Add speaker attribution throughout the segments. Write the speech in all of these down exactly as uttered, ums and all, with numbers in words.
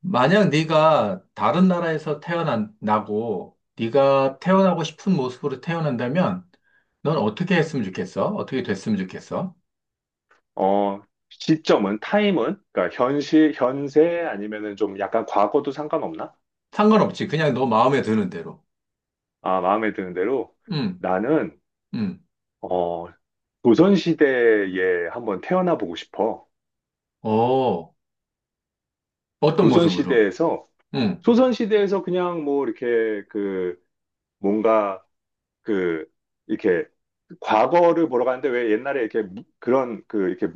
Speaker 1: 만약 네가 다른 나라에서 태어나고 네가 태어나고 싶은 모습으로 태어난다면 넌 어떻게 했으면 좋겠어? 어떻게 됐으면 좋겠어?
Speaker 2: 어, 시점은, 타임은, 그러니까 현실, 현세 아니면은 좀 약간 과거도 상관없나?
Speaker 1: 상관없지. 그냥 너 마음에 드는 대로.
Speaker 2: 아, 마음에 드는 대로.
Speaker 1: 응,
Speaker 2: 나는,
Speaker 1: 응.
Speaker 2: 어, 조선시대에 한번 태어나 보고 싶어.
Speaker 1: 어, 어떤 모습으로?
Speaker 2: 조선시대에서,
Speaker 1: 응.
Speaker 2: 조선시대에서 그냥 뭐 이렇게 그 뭔가 그 이렇게 과거를 보러 가는데 왜 옛날에 이렇게 무- 그런 그 이렇게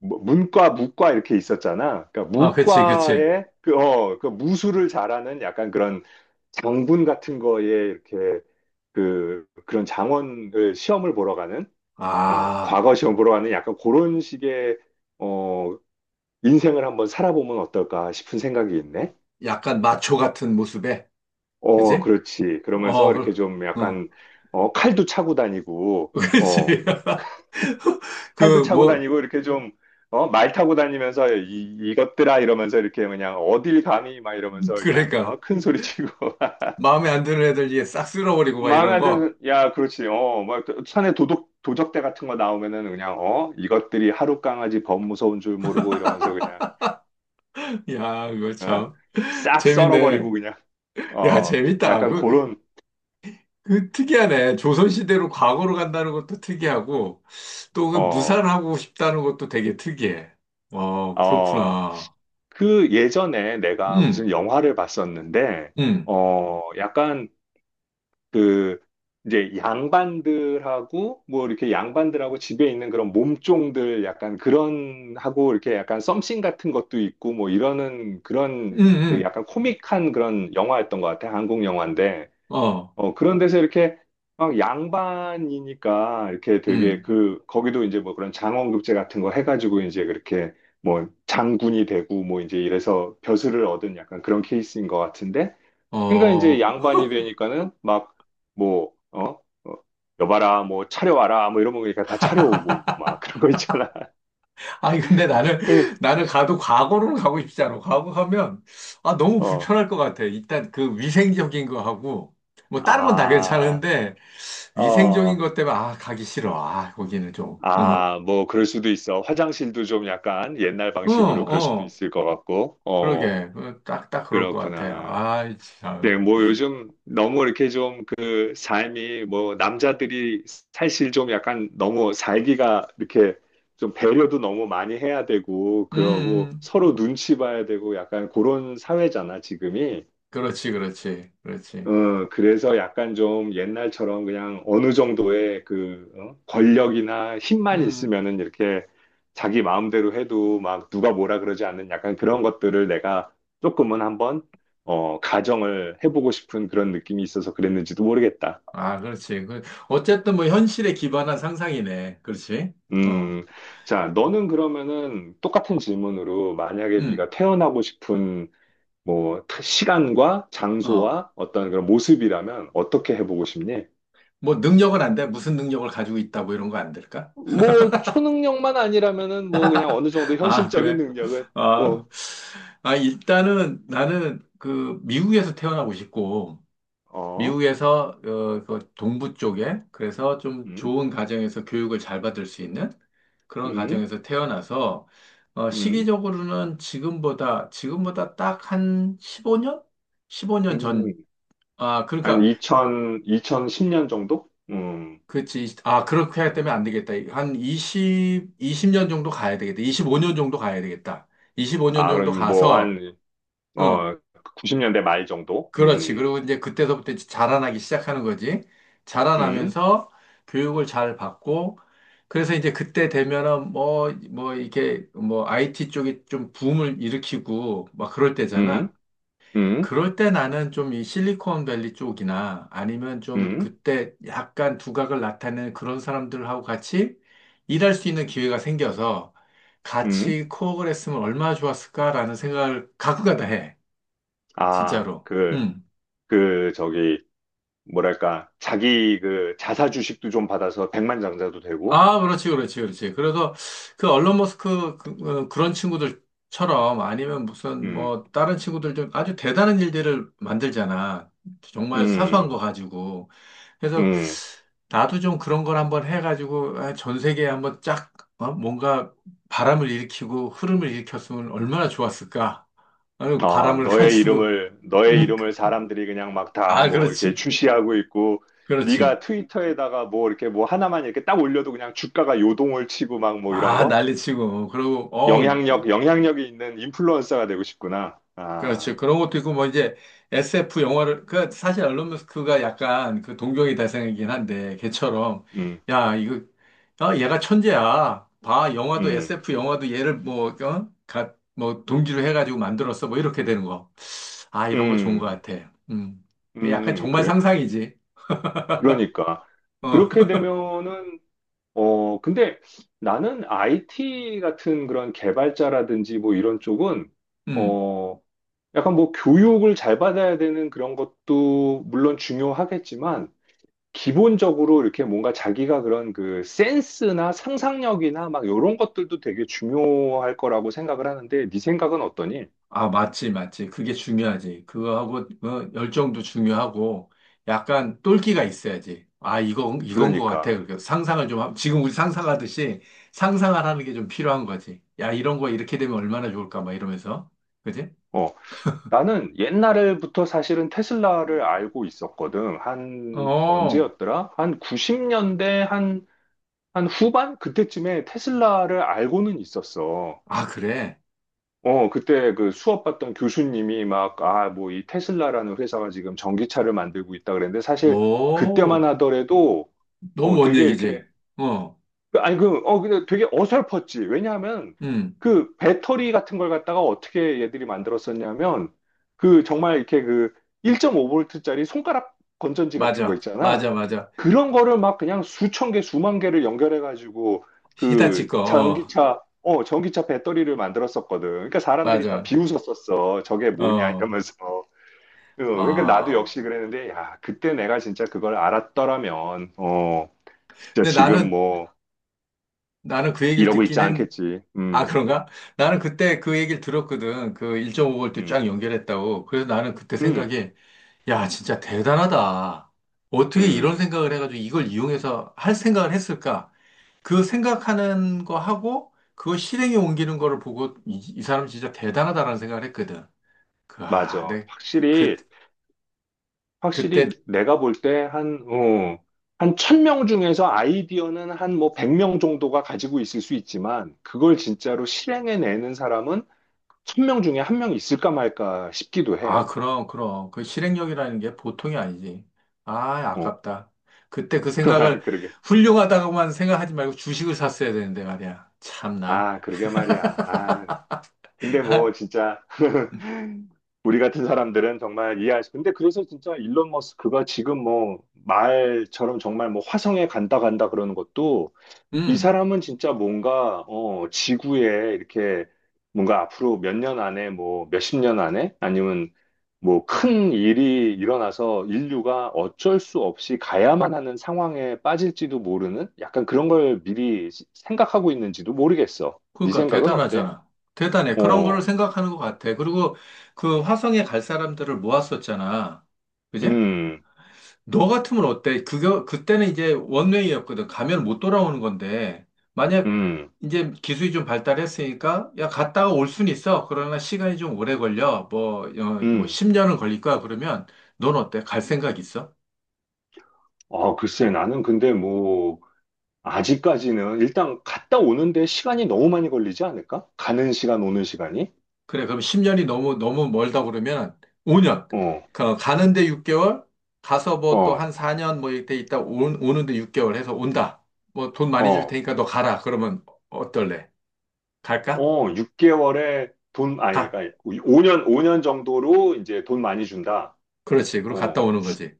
Speaker 2: 뭐 문과, 무과 이렇게 있었잖아. 그러니까
Speaker 1: 아, 그치, 그치.
Speaker 2: 무과에 그, 어, 그 무술을 잘하는 약간 그런 장군 같은 거에 이렇게 그 그런 장원을 시험을 보러 가는, 어,
Speaker 1: 아,
Speaker 2: 과거 시험 보러 가는 약간 그런 식의, 어, 인생을 한번 살아보면 어떨까 싶은 생각이 있네.
Speaker 1: 약간 마초 같은 모습에?
Speaker 2: 어,
Speaker 1: 그치?
Speaker 2: 그렇지. 그러면서
Speaker 1: 어,
Speaker 2: 이렇게
Speaker 1: 그,
Speaker 2: 좀
Speaker 1: 응.
Speaker 2: 약간, 어, 칼도 차고 다니고,
Speaker 1: 그치.
Speaker 2: 어, 팔도
Speaker 1: 그,
Speaker 2: 차고
Speaker 1: 뭐,
Speaker 2: 다니고 이렇게 좀, 어, 말 타고 다니면서 이, 이것들아 이러면서 이렇게 그냥 어딜 감히 막 이러면서 그냥,
Speaker 1: 그러니까.
Speaker 2: 어, 큰 소리 치고.
Speaker 1: 마음에 안 드는 애들 이제 싹 쓸어버리고 막
Speaker 2: 마음에
Speaker 1: 이런
Speaker 2: 안
Speaker 1: 거.
Speaker 2: 드는, 야, 그렇지. 어, 막 산에 도둑, 도적대 같은 거 나오면은 그냥, 어, 이것들이 하루 강아지 범 무서운 줄 모르고 이러면서 그냥,
Speaker 1: 야, 그거
Speaker 2: 어?
Speaker 1: 참.
Speaker 2: 싹 썰어버리고
Speaker 1: 재밌네.
Speaker 2: 그냥.
Speaker 1: 야,
Speaker 2: 어,
Speaker 1: 재밌다.
Speaker 2: 약간
Speaker 1: 그,
Speaker 2: 그런,
Speaker 1: 그 특이하네. 조선시대로 과거로 간다는 것도 특이하고, 또 그
Speaker 2: 어,
Speaker 1: 무산하고 싶다는 것도 되게 특이해. 어,
Speaker 2: 어,
Speaker 1: 그렇구나.
Speaker 2: 그 예전에 내가
Speaker 1: 음,
Speaker 2: 무슨 영화를 봤었는데,
Speaker 1: 음,
Speaker 2: 어, 약간 그 이제 양반들하고 뭐 이렇게 양반들하고 집에 있는 그런 몸종들 약간 그런 하고 이렇게 약간 썸씽 같은 것도 있고 뭐 이러는 그런 그
Speaker 1: 음,
Speaker 2: 약간 코믹한 그런 영화였던 것 같아. 한국 영화인데.
Speaker 1: 음, 어,
Speaker 2: 어, 그런 데서 이렇게 막 양반이니까 이렇게 되게
Speaker 1: 음,
Speaker 2: 그 거기도 이제 뭐 그런 장원급제 같은 거 해가지고 이제 그렇게 뭐 장군이 되고 뭐 이제 이래서 벼슬을 얻은 약간 그런 케이스인 것 같은데, 그러니까 이제
Speaker 1: 어.
Speaker 2: 양반이 되니까는 막 뭐, 어? 어, 여봐라, 뭐 차려와라, 뭐 이런 거 그러니까 다 차려오고 막 그런 거 있잖아.
Speaker 1: 아니, 근데 나는, 나는 가도 과거로는 가고 싶지 않아. 과거 가면, 아, 너무
Speaker 2: 어,
Speaker 1: 불편할 것 같아. 일단 그 위생적인 거 하고, 뭐 다른 건 다
Speaker 2: 아,
Speaker 1: 괜찮은데, 위생적인
Speaker 2: 어,
Speaker 1: 것 때문에, 아, 가기 싫어. 아, 거기는 좀, 어.
Speaker 2: 아, 뭐 그럴 수도 있어. 화장실도 좀 약간 옛날
Speaker 1: 어,
Speaker 2: 방식으로 그럴 수도
Speaker 1: 어.
Speaker 2: 있을 것 같고, 어,
Speaker 1: 그러게. 그 딱, 딱 그럴 것 같아요.
Speaker 2: 그렇구나.
Speaker 1: 아이, 참.
Speaker 2: 네, 뭐 요즘 너무 이렇게 좀 그 삶이 뭐 남자들이 사실 좀 약간 너무 살기가 이렇게 좀 배려도 너무 많이 해야 되고
Speaker 1: 음,
Speaker 2: 그러고
Speaker 1: 음.
Speaker 2: 서로 눈치 봐야 되고 약간 그런 사회잖아, 지금이.
Speaker 1: 그렇지, 그렇지, 그렇지.
Speaker 2: 어, 그래서 약간 좀 옛날처럼 그냥 어느 정도의 그 어? 권력이나 힘만
Speaker 1: 음.
Speaker 2: 있으면은 이렇게 자기 마음대로 해도 막 누가 뭐라 그러지 않는 약간 그런 것들을 내가 조금은 한번, 어, 가정을 해보고 싶은 그런 느낌이 있어서 그랬는지도 모르겠다.
Speaker 1: 아, 그렇지. 그, 어쨌든 뭐 현실에 기반한 상상이네. 그렇지? 어,
Speaker 2: 음, 자, 너는 그러면은 똑같은 질문으로 만약에
Speaker 1: 음,
Speaker 2: 네가 태어나고 싶은 뭐 타- 시간과
Speaker 1: 어.
Speaker 2: 장소와 어떤 그런 모습이라면 어떻게 해보고 싶니?
Speaker 1: 뭐 능력은 안 돼? 무슨 능력을 가지고 있다, 뭐 이런 거 안 될까?
Speaker 2: 뭐 초능력만 아니라면은 뭐 그냥 어느 정도
Speaker 1: 아,
Speaker 2: 현실적인
Speaker 1: 그래?
Speaker 2: 능력은
Speaker 1: 아,
Speaker 2: 뭐
Speaker 1: 아, 일단은 나는 그 미국에서 태어나고 싶고,
Speaker 2: 어?
Speaker 1: 미국에서 어, 그 동부 쪽에 그래서 좀
Speaker 2: 음?
Speaker 1: 좋은 가정에서 교육을 잘 받을 수 있는 그런
Speaker 2: 음?
Speaker 1: 가정에서 태어나서 어,
Speaker 2: 음?
Speaker 1: 시기적으로는 지금보다 지금보다 딱 한 십오 년? 십오 년 전.
Speaker 2: 음?
Speaker 1: 아,
Speaker 2: 한
Speaker 1: 그러니까
Speaker 2: 이천, 이천십 년 정도? 음.
Speaker 1: 그렇지. 아, 그렇게 하기 때문에 안 되겠다. 한 이십 이십 년 정도 가야 되겠다. 이십오 년 정도 가야 되겠다. 이십오 년
Speaker 2: 아,
Speaker 1: 정도
Speaker 2: 그럼 뭐
Speaker 1: 가서
Speaker 2: 한,
Speaker 1: 어,
Speaker 2: 어, 구십 년대 말 정도?
Speaker 1: 그렇지.
Speaker 2: 음.
Speaker 1: 그리고 이제 그때서부터 이제 자라나기 시작하는 거지.
Speaker 2: 음?
Speaker 1: 자라나면서 교육을 잘 받고, 그래서 이제 그때 되면은 뭐, 뭐, 이렇게 뭐, 아이 티 쪽이 좀 붐을 일으키고, 막 그럴
Speaker 2: 음?
Speaker 1: 때잖아.
Speaker 2: 음?
Speaker 1: 그럴 때 나는 좀 이 실리콘밸리 쪽이나 아니면 좀
Speaker 2: 음?
Speaker 1: 그때 약간 두각을 나타내는 그런 사람들하고 같이 일할 수 있는 기회가 생겨서
Speaker 2: 음?
Speaker 1: 같이 코업을 했으면 얼마나 좋았을까라는 생각을 가끔가다 해.
Speaker 2: 아,
Speaker 1: 진짜로.
Speaker 2: 그,
Speaker 1: 음.
Speaker 2: 그, 저기, 뭐랄까, 자기 그 자사 주식도 좀 받아서 백만장자도 되고,
Speaker 1: 아, 그렇지, 그렇지, 그렇지. 그래서 그 얼론 머스크 그, 런 친구들처럼 아니면 무슨
Speaker 2: 음,
Speaker 1: 뭐 다른 친구들 좀 아주 대단한 일들을 만들잖아. 정말 사소한 거
Speaker 2: 음,
Speaker 1: 가지고. 그래서
Speaker 2: 음.
Speaker 1: 나도 좀 그런 걸 한번 해가지고 아, 전 세계에 한번 쫙 어? 뭔가 바람을 일으키고 흐름을 일으켰으면 얼마나 좋았을까. 아유,
Speaker 2: 어,
Speaker 1: 바람을
Speaker 2: 너의
Speaker 1: 가지고.
Speaker 2: 이름을 너의 이름을 사람들이 그냥 막 다
Speaker 1: 아,
Speaker 2: 뭐 이렇게
Speaker 1: 그렇지,
Speaker 2: 출시하고 있고,
Speaker 1: 그렇지.
Speaker 2: 네가 트위터에다가 뭐 이렇게 뭐 하나만 이렇게 딱 올려도 그냥 주가가 요동을 치고 막 뭐 이런
Speaker 1: 아,
Speaker 2: 거?
Speaker 1: 난리치고. 그리고, 어,
Speaker 2: 영향력 영향력이 있는 인플루언서가 되고 싶구나. 아,
Speaker 1: 그렇죠. 그런 것도 있고, 뭐, 이제, 에스 에프 영화를, 그, 사실 앨런 머스크가 약간 그 동경의 대상이긴 한데, 걔처럼,
Speaker 2: 음,
Speaker 1: 야, 이거, 아, 얘가 천재야. 봐, 영화도,
Speaker 2: 음,
Speaker 1: 에스 에프 영화도 얘를 뭐, 어? 가, 뭐, 동기로 해가지고 만들었어. 뭐, 이렇게 되는 거. 아, 이런 거 좋은 거
Speaker 2: 음,
Speaker 1: 같아. 음. 그 약간
Speaker 2: 음,
Speaker 1: 정말
Speaker 2: 그래.
Speaker 1: 상상이지.
Speaker 2: 그러니까
Speaker 1: 어,
Speaker 2: 그렇게 되면은, 어, 근데 나는 아이티 같은 그런 개발자라든지 뭐 이런 쪽은,
Speaker 1: 음.
Speaker 2: 어, 약간 뭐 교육을 잘 받아야 되는 그런 것도 물론 중요하겠지만, 기본적으로 이렇게 뭔가 자기가 그런 그 센스나 상상력이나 막 이런 것들도 되게 중요할 거라고 생각을 하는데, 네 생각은 어떠니?
Speaker 1: 아, 맞지, 맞지. 그게 중요하지. 그거하고, 어, 열정도 중요하고, 약간 똘끼가 있어야지. 아, 이건, 이건 것 같아.
Speaker 2: 그러니까.
Speaker 1: 그러니까 상상을 좀, 함- 지금 우리 상상하듯이 상상을 하는 게 좀 필요한 거지. 야, 이런 거 이렇게 되면 얼마나 좋을까, 막 이러면서. 그지?
Speaker 2: 어, 나는 옛날부터 사실은 테슬라를 알고 있었거든. 한,
Speaker 1: 어,
Speaker 2: 언제였더라? 한 구십 년대, 한, 한 후반? 그때쯤에 테슬라를 알고는 있었어.
Speaker 1: 아, 그래.
Speaker 2: 어, 그때 그 수업 받던 교수님이 막, 아, 뭐 이 테슬라라는 회사가 지금 전기차를 만들고 있다 그랬는데, 사실 그때만
Speaker 1: 오,
Speaker 2: 하더라도,
Speaker 1: 너무
Speaker 2: 어,
Speaker 1: 먼
Speaker 2: 되게 이렇게
Speaker 1: 얘기지. 어,
Speaker 2: 그- 아니, 그, 어, 근데 되게 어설펐지. 왜냐하면
Speaker 1: 음,
Speaker 2: 그 배터리 같은 걸 갖다가 어떻게 얘들이 만들었었냐면 그 정말 이렇게 그 일 점 오 브이짜리 손가락 건전지 같은 거
Speaker 1: 맞아. 맞아,
Speaker 2: 있잖아.
Speaker 1: 맞아.
Speaker 2: 그런 거를 막 그냥 수천 개, 수만 개를 연결해가지고 그
Speaker 1: 히다치 거, 어,
Speaker 2: 전기차, 어, 전기차 배터리를 만들었었거든. 그러니까 사람들이 다
Speaker 1: 맞아.
Speaker 2: 비웃었었어. 저게 뭐냐
Speaker 1: 어,
Speaker 2: 이러면서. 어, 그러니까 나도
Speaker 1: 아.
Speaker 2: 역시 그랬는데, 야, 그때 내가 진짜 그걸 알았더라면, 어, 진짜
Speaker 1: 근데
Speaker 2: 지금
Speaker 1: 나는,
Speaker 2: 뭐,
Speaker 1: 나는 그 얘기를
Speaker 2: 이러고 있지
Speaker 1: 듣긴 했는데,
Speaker 2: 않겠지.
Speaker 1: 아,
Speaker 2: 음,
Speaker 1: 그런가? 나는 그때 그 얘기를 들었거든. 그 일 점 오 볼트 쫙
Speaker 2: 음,
Speaker 1: 연결했다고. 그래서 나는 그때
Speaker 2: 음,
Speaker 1: 생각이, 야, 진짜 대단하다. 어떻게 이런
Speaker 2: 음,
Speaker 1: 생각을 해가지고 이걸 이용해서 할 생각을 했을까? 그 생각하는 거 하고, 그거 실행에 옮기는 거를 보고, 이, 이 사람 진짜 대단하다라는 생각을 했거든. 그, 아,
Speaker 2: 맞아.
Speaker 1: 네 그,
Speaker 2: 확실히, 확실히
Speaker 1: 그때
Speaker 2: 내가 볼 때 한, 어, 한 천 명 중에서 아이디어는 한 뭐 백 명 정도가 가지고 있을 수 있지만, 그걸 진짜로 실행해내는 사람은 천 명 중에 한 명 있을까 말까 싶기도
Speaker 1: 아,
Speaker 2: 해.
Speaker 1: 그럼, 그럼. 그 실행력이라는 게 보통이 아니지. 아,
Speaker 2: 어.
Speaker 1: 아깝다. 그때 그 생각을
Speaker 2: 그러게.
Speaker 1: 훌륭하다고만 생각하지 말고 주식을 샀어야 되는데 말이야. 참나.
Speaker 2: 아, 그러게 말이야. 아, 근데 뭐 진짜. 우리 같은 사람들은 정말 이해할 수. 근데 그래서 진짜 일론 머스크가 지금 뭐 말처럼 정말 뭐 화성에 간다 간다 그러는 것도, 이
Speaker 1: 음,
Speaker 2: 사람은 진짜 뭔가 어 지구에 이렇게 뭔가 앞으로 몇 년 안에 뭐 몇십 년 안에 아니면 뭐 큰 일이 일어나서 인류가 어쩔 수 없이 가야만 하는 상황에 빠질지도 모르는 약간 그런 걸 미리 생각하고 있는지도 모르겠어. 네
Speaker 1: 그러니까
Speaker 2: 생각은 어때?
Speaker 1: 대단하잖아. 대단해. 그런 거를
Speaker 2: 어.
Speaker 1: 생각하는 것 같아. 그리고 그 화성에 갈 사람들을 모았었잖아. 그지?
Speaker 2: 음,
Speaker 1: 너 같으면 어때? 그거, 그때는 이제 원웨이였거든. 가면 못 돌아오는 건데, 만약
Speaker 2: 음,
Speaker 1: 이제 기술이 좀 발달했으니까, 야, 갔다가 올 순 있어. 그러나 시간이 좀 오래 걸려. 뭐, 어, 뭐
Speaker 2: 음.
Speaker 1: 십 년은 걸릴 거야. 그러면 넌 어때? 갈 생각 있어?
Speaker 2: 아, 글쎄, 나는 근데 뭐, 아직까지는 일단 갔다 오는데 시간이 너무 많이 걸리지 않을까? 가는 시간, 오는 시간이?
Speaker 1: 그래, 그럼 십 년이 너무, 너무 멀다 그러면 오 년.
Speaker 2: 어,
Speaker 1: 그, 가는데 육 개월, 가서 뭐 또
Speaker 2: 어,
Speaker 1: 한 사 년 뭐 이때 있다 온, 오는데 육 개월 해서 온다. 뭐 돈 많이 줄
Speaker 2: 어,
Speaker 1: 테니까 너 가라. 그러면 어떨래? 갈까?
Speaker 2: 어, 육 개월에 돈, 아니,
Speaker 1: 가.
Speaker 2: 그러니까 오 년 오 년 정도로 이제 돈 많이 준다.
Speaker 1: 그렇지. 그리고 갔다
Speaker 2: 어,
Speaker 1: 오는 거지.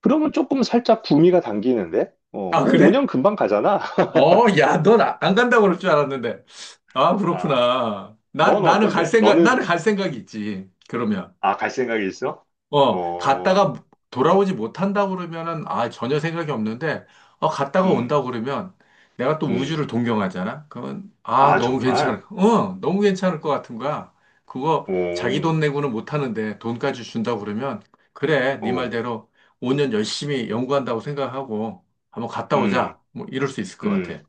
Speaker 2: 그러면 조금 살짝 구미가 당기는데? 어,
Speaker 1: 아,
Speaker 2: 뭐
Speaker 1: 그래?
Speaker 2: 오 년 금방 가잖아.
Speaker 1: 어, 야, 넌 아, 안 간다고 그럴 줄 알았는데. 아,
Speaker 2: 아,
Speaker 1: 그렇구나. 나,
Speaker 2: 넌
Speaker 1: 나는 갈
Speaker 2: 어떤데?
Speaker 1: 생각, 나는
Speaker 2: 너는,
Speaker 1: 갈 생각이 있지. 그러면.
Speaker 2: 아, 갈 생각이 있어?
Speaker 1: 어, 갔다가
Speaker 2: 어,
Speaker 1: 돌아오지 못한다고 그러면은, 아, 전혀 생각이 없는데, 어, 갔다가
Speaker 2: 음,
Speaker 1: 온다고 그러면, 내가 또
Speaker 2: 음.
Speaker 1: 우주를 동경하잖아? 그러면, 아,
Speaker 2: 아,
Speaker 1: 너무
Speaker 2: 정말?
Speaker 1: 괜찮을, 어, 너무 괜찮을 것 같은 거야. 그거 자기
Speaker 2: 오.
Speaker 1: 돈 내고는 못 하는데, 돈까지 준다고 그러면, 그래, 네
Speaker 2: 어,
Speaker 1: 말대로 오 년 열심히 연구한다고 생각하고, 한번 갔다
Speaker 2: 음,
Speaker 1: 오자. 뭐, 이럴 수 있을 것
Speaker 2: 음.
Speaker 1: 같아.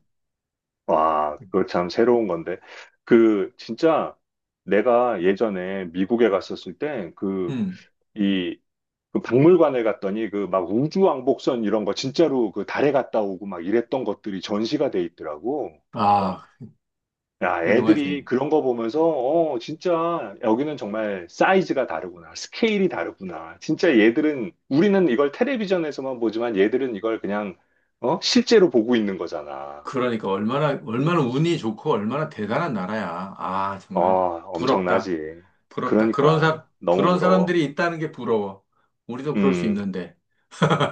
Speaker 2: 와, 그거 참 새로운 건데. 그, 진짜 내가 예전에 미국에 갔었을 때 그,
Speaker 1: 음.
Speaker 2: 이, 그 박물관에 갔더니 그 막 우주왕복선 이런 거 진짜로 그 달에 갔다 오고 막 이랬던 것들이 전시가 돼 있더라고. 그러니까,
Speaker 1: 아,
Speaker 2: 야, 애들이
Speaker 1: 훌륭하지.
Speaker 2: 그런 거 보면서, 어, 진짜, 여기는 정말 사이즈가 다르구나. 스케일이 다르구나. 진짜 얘들은, 우리는 이걸 텔레비전에서만 보지만 얘들은 이걸 그냥, 어, 실제로 보고 있는 거잖아.
Speaker 1: 그러니까 얼마나, 얼마나 운이 좋고 얼마나 대단한 나라야. 아,
Speaker 2: 어,
Speaker 1: 정말 부럽다.
Speaker 2: 엄청나지.
Speaker 1: 부럽다. 그런
Speaker 2: 그러니까,
Speaker 1: 사람,
Speaker 2: 너무
Speaker 1: 그런
Speaker 2: 부러워.
Speaker 1: 사람들이 있다는 게 부러워. 우리도 그럴 수
Speaker 2: 음,
Speaker 1: 있는데.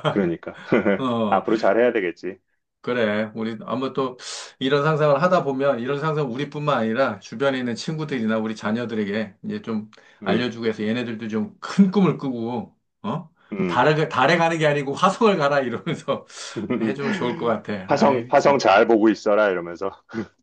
Speaker 2: 그러니까.
Speaker 1: 어,
Speaker 2: 앞으로 잘해야 되겠지.
Speaker 1: 그래. 우리 아마 또 이런 상상을 하다 보면 이런 상상 우리뿐만 아니라 주변에 있는 친구들이나 우리 자녀들에게 이제 좀
Speaker 2: 음,
Speaker 1: 알려주고 해서 얘네들도 좀 큰 꿈을 꾸고, 어?
Speaker 2: 음.
Speaker 1: 달에, 달에 가는 게 아니고 화성을 가라 이러면서 해주면 좋을 것 같아. 아
Speaker 2: 화성,
Speaker 1: 이
Speaker 2: 화성
Speaker 1: 참.
Speaker 2: 잘 보고 있어라, 이러면서.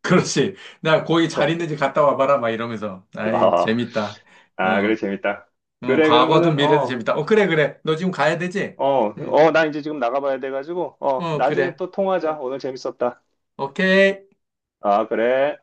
Speaker 1: 그렇지. 나 거기 잘
Speaker 2: 어,
Speaker 1: 있는지 갔다 와봐라. 막 이러면서. 아이,
Speaker 2: 아,
Speaker 1: 재밌다.
Speaker 2: 아, 그래,
Speaker 1: 어,
Speaker 2: 재밌다.
Speaker 1: 어,
Speaker 2: 그래,
Speaker 1: 과거든
Speaker 2: 그러면은,
Speaker 1: 미래든
Speaker 2: 어,
Speaker 1: 재밌다. 어, 그래, 그래. 너 지금 가야 되지?
Speaker 2: 어,
Speaker 1: 응.
Speaker 2: 어, 나 이제 지금 나가봐야 돼가지고, 어,
Speaker 1: 어,
Speaker 2: 나중에
Speaker 1: 그래.
Speaker 2: 또 통화하자. 오늘 재밌었다.
Speaker 1: 오케이.
Speaker 2: 아, 그래.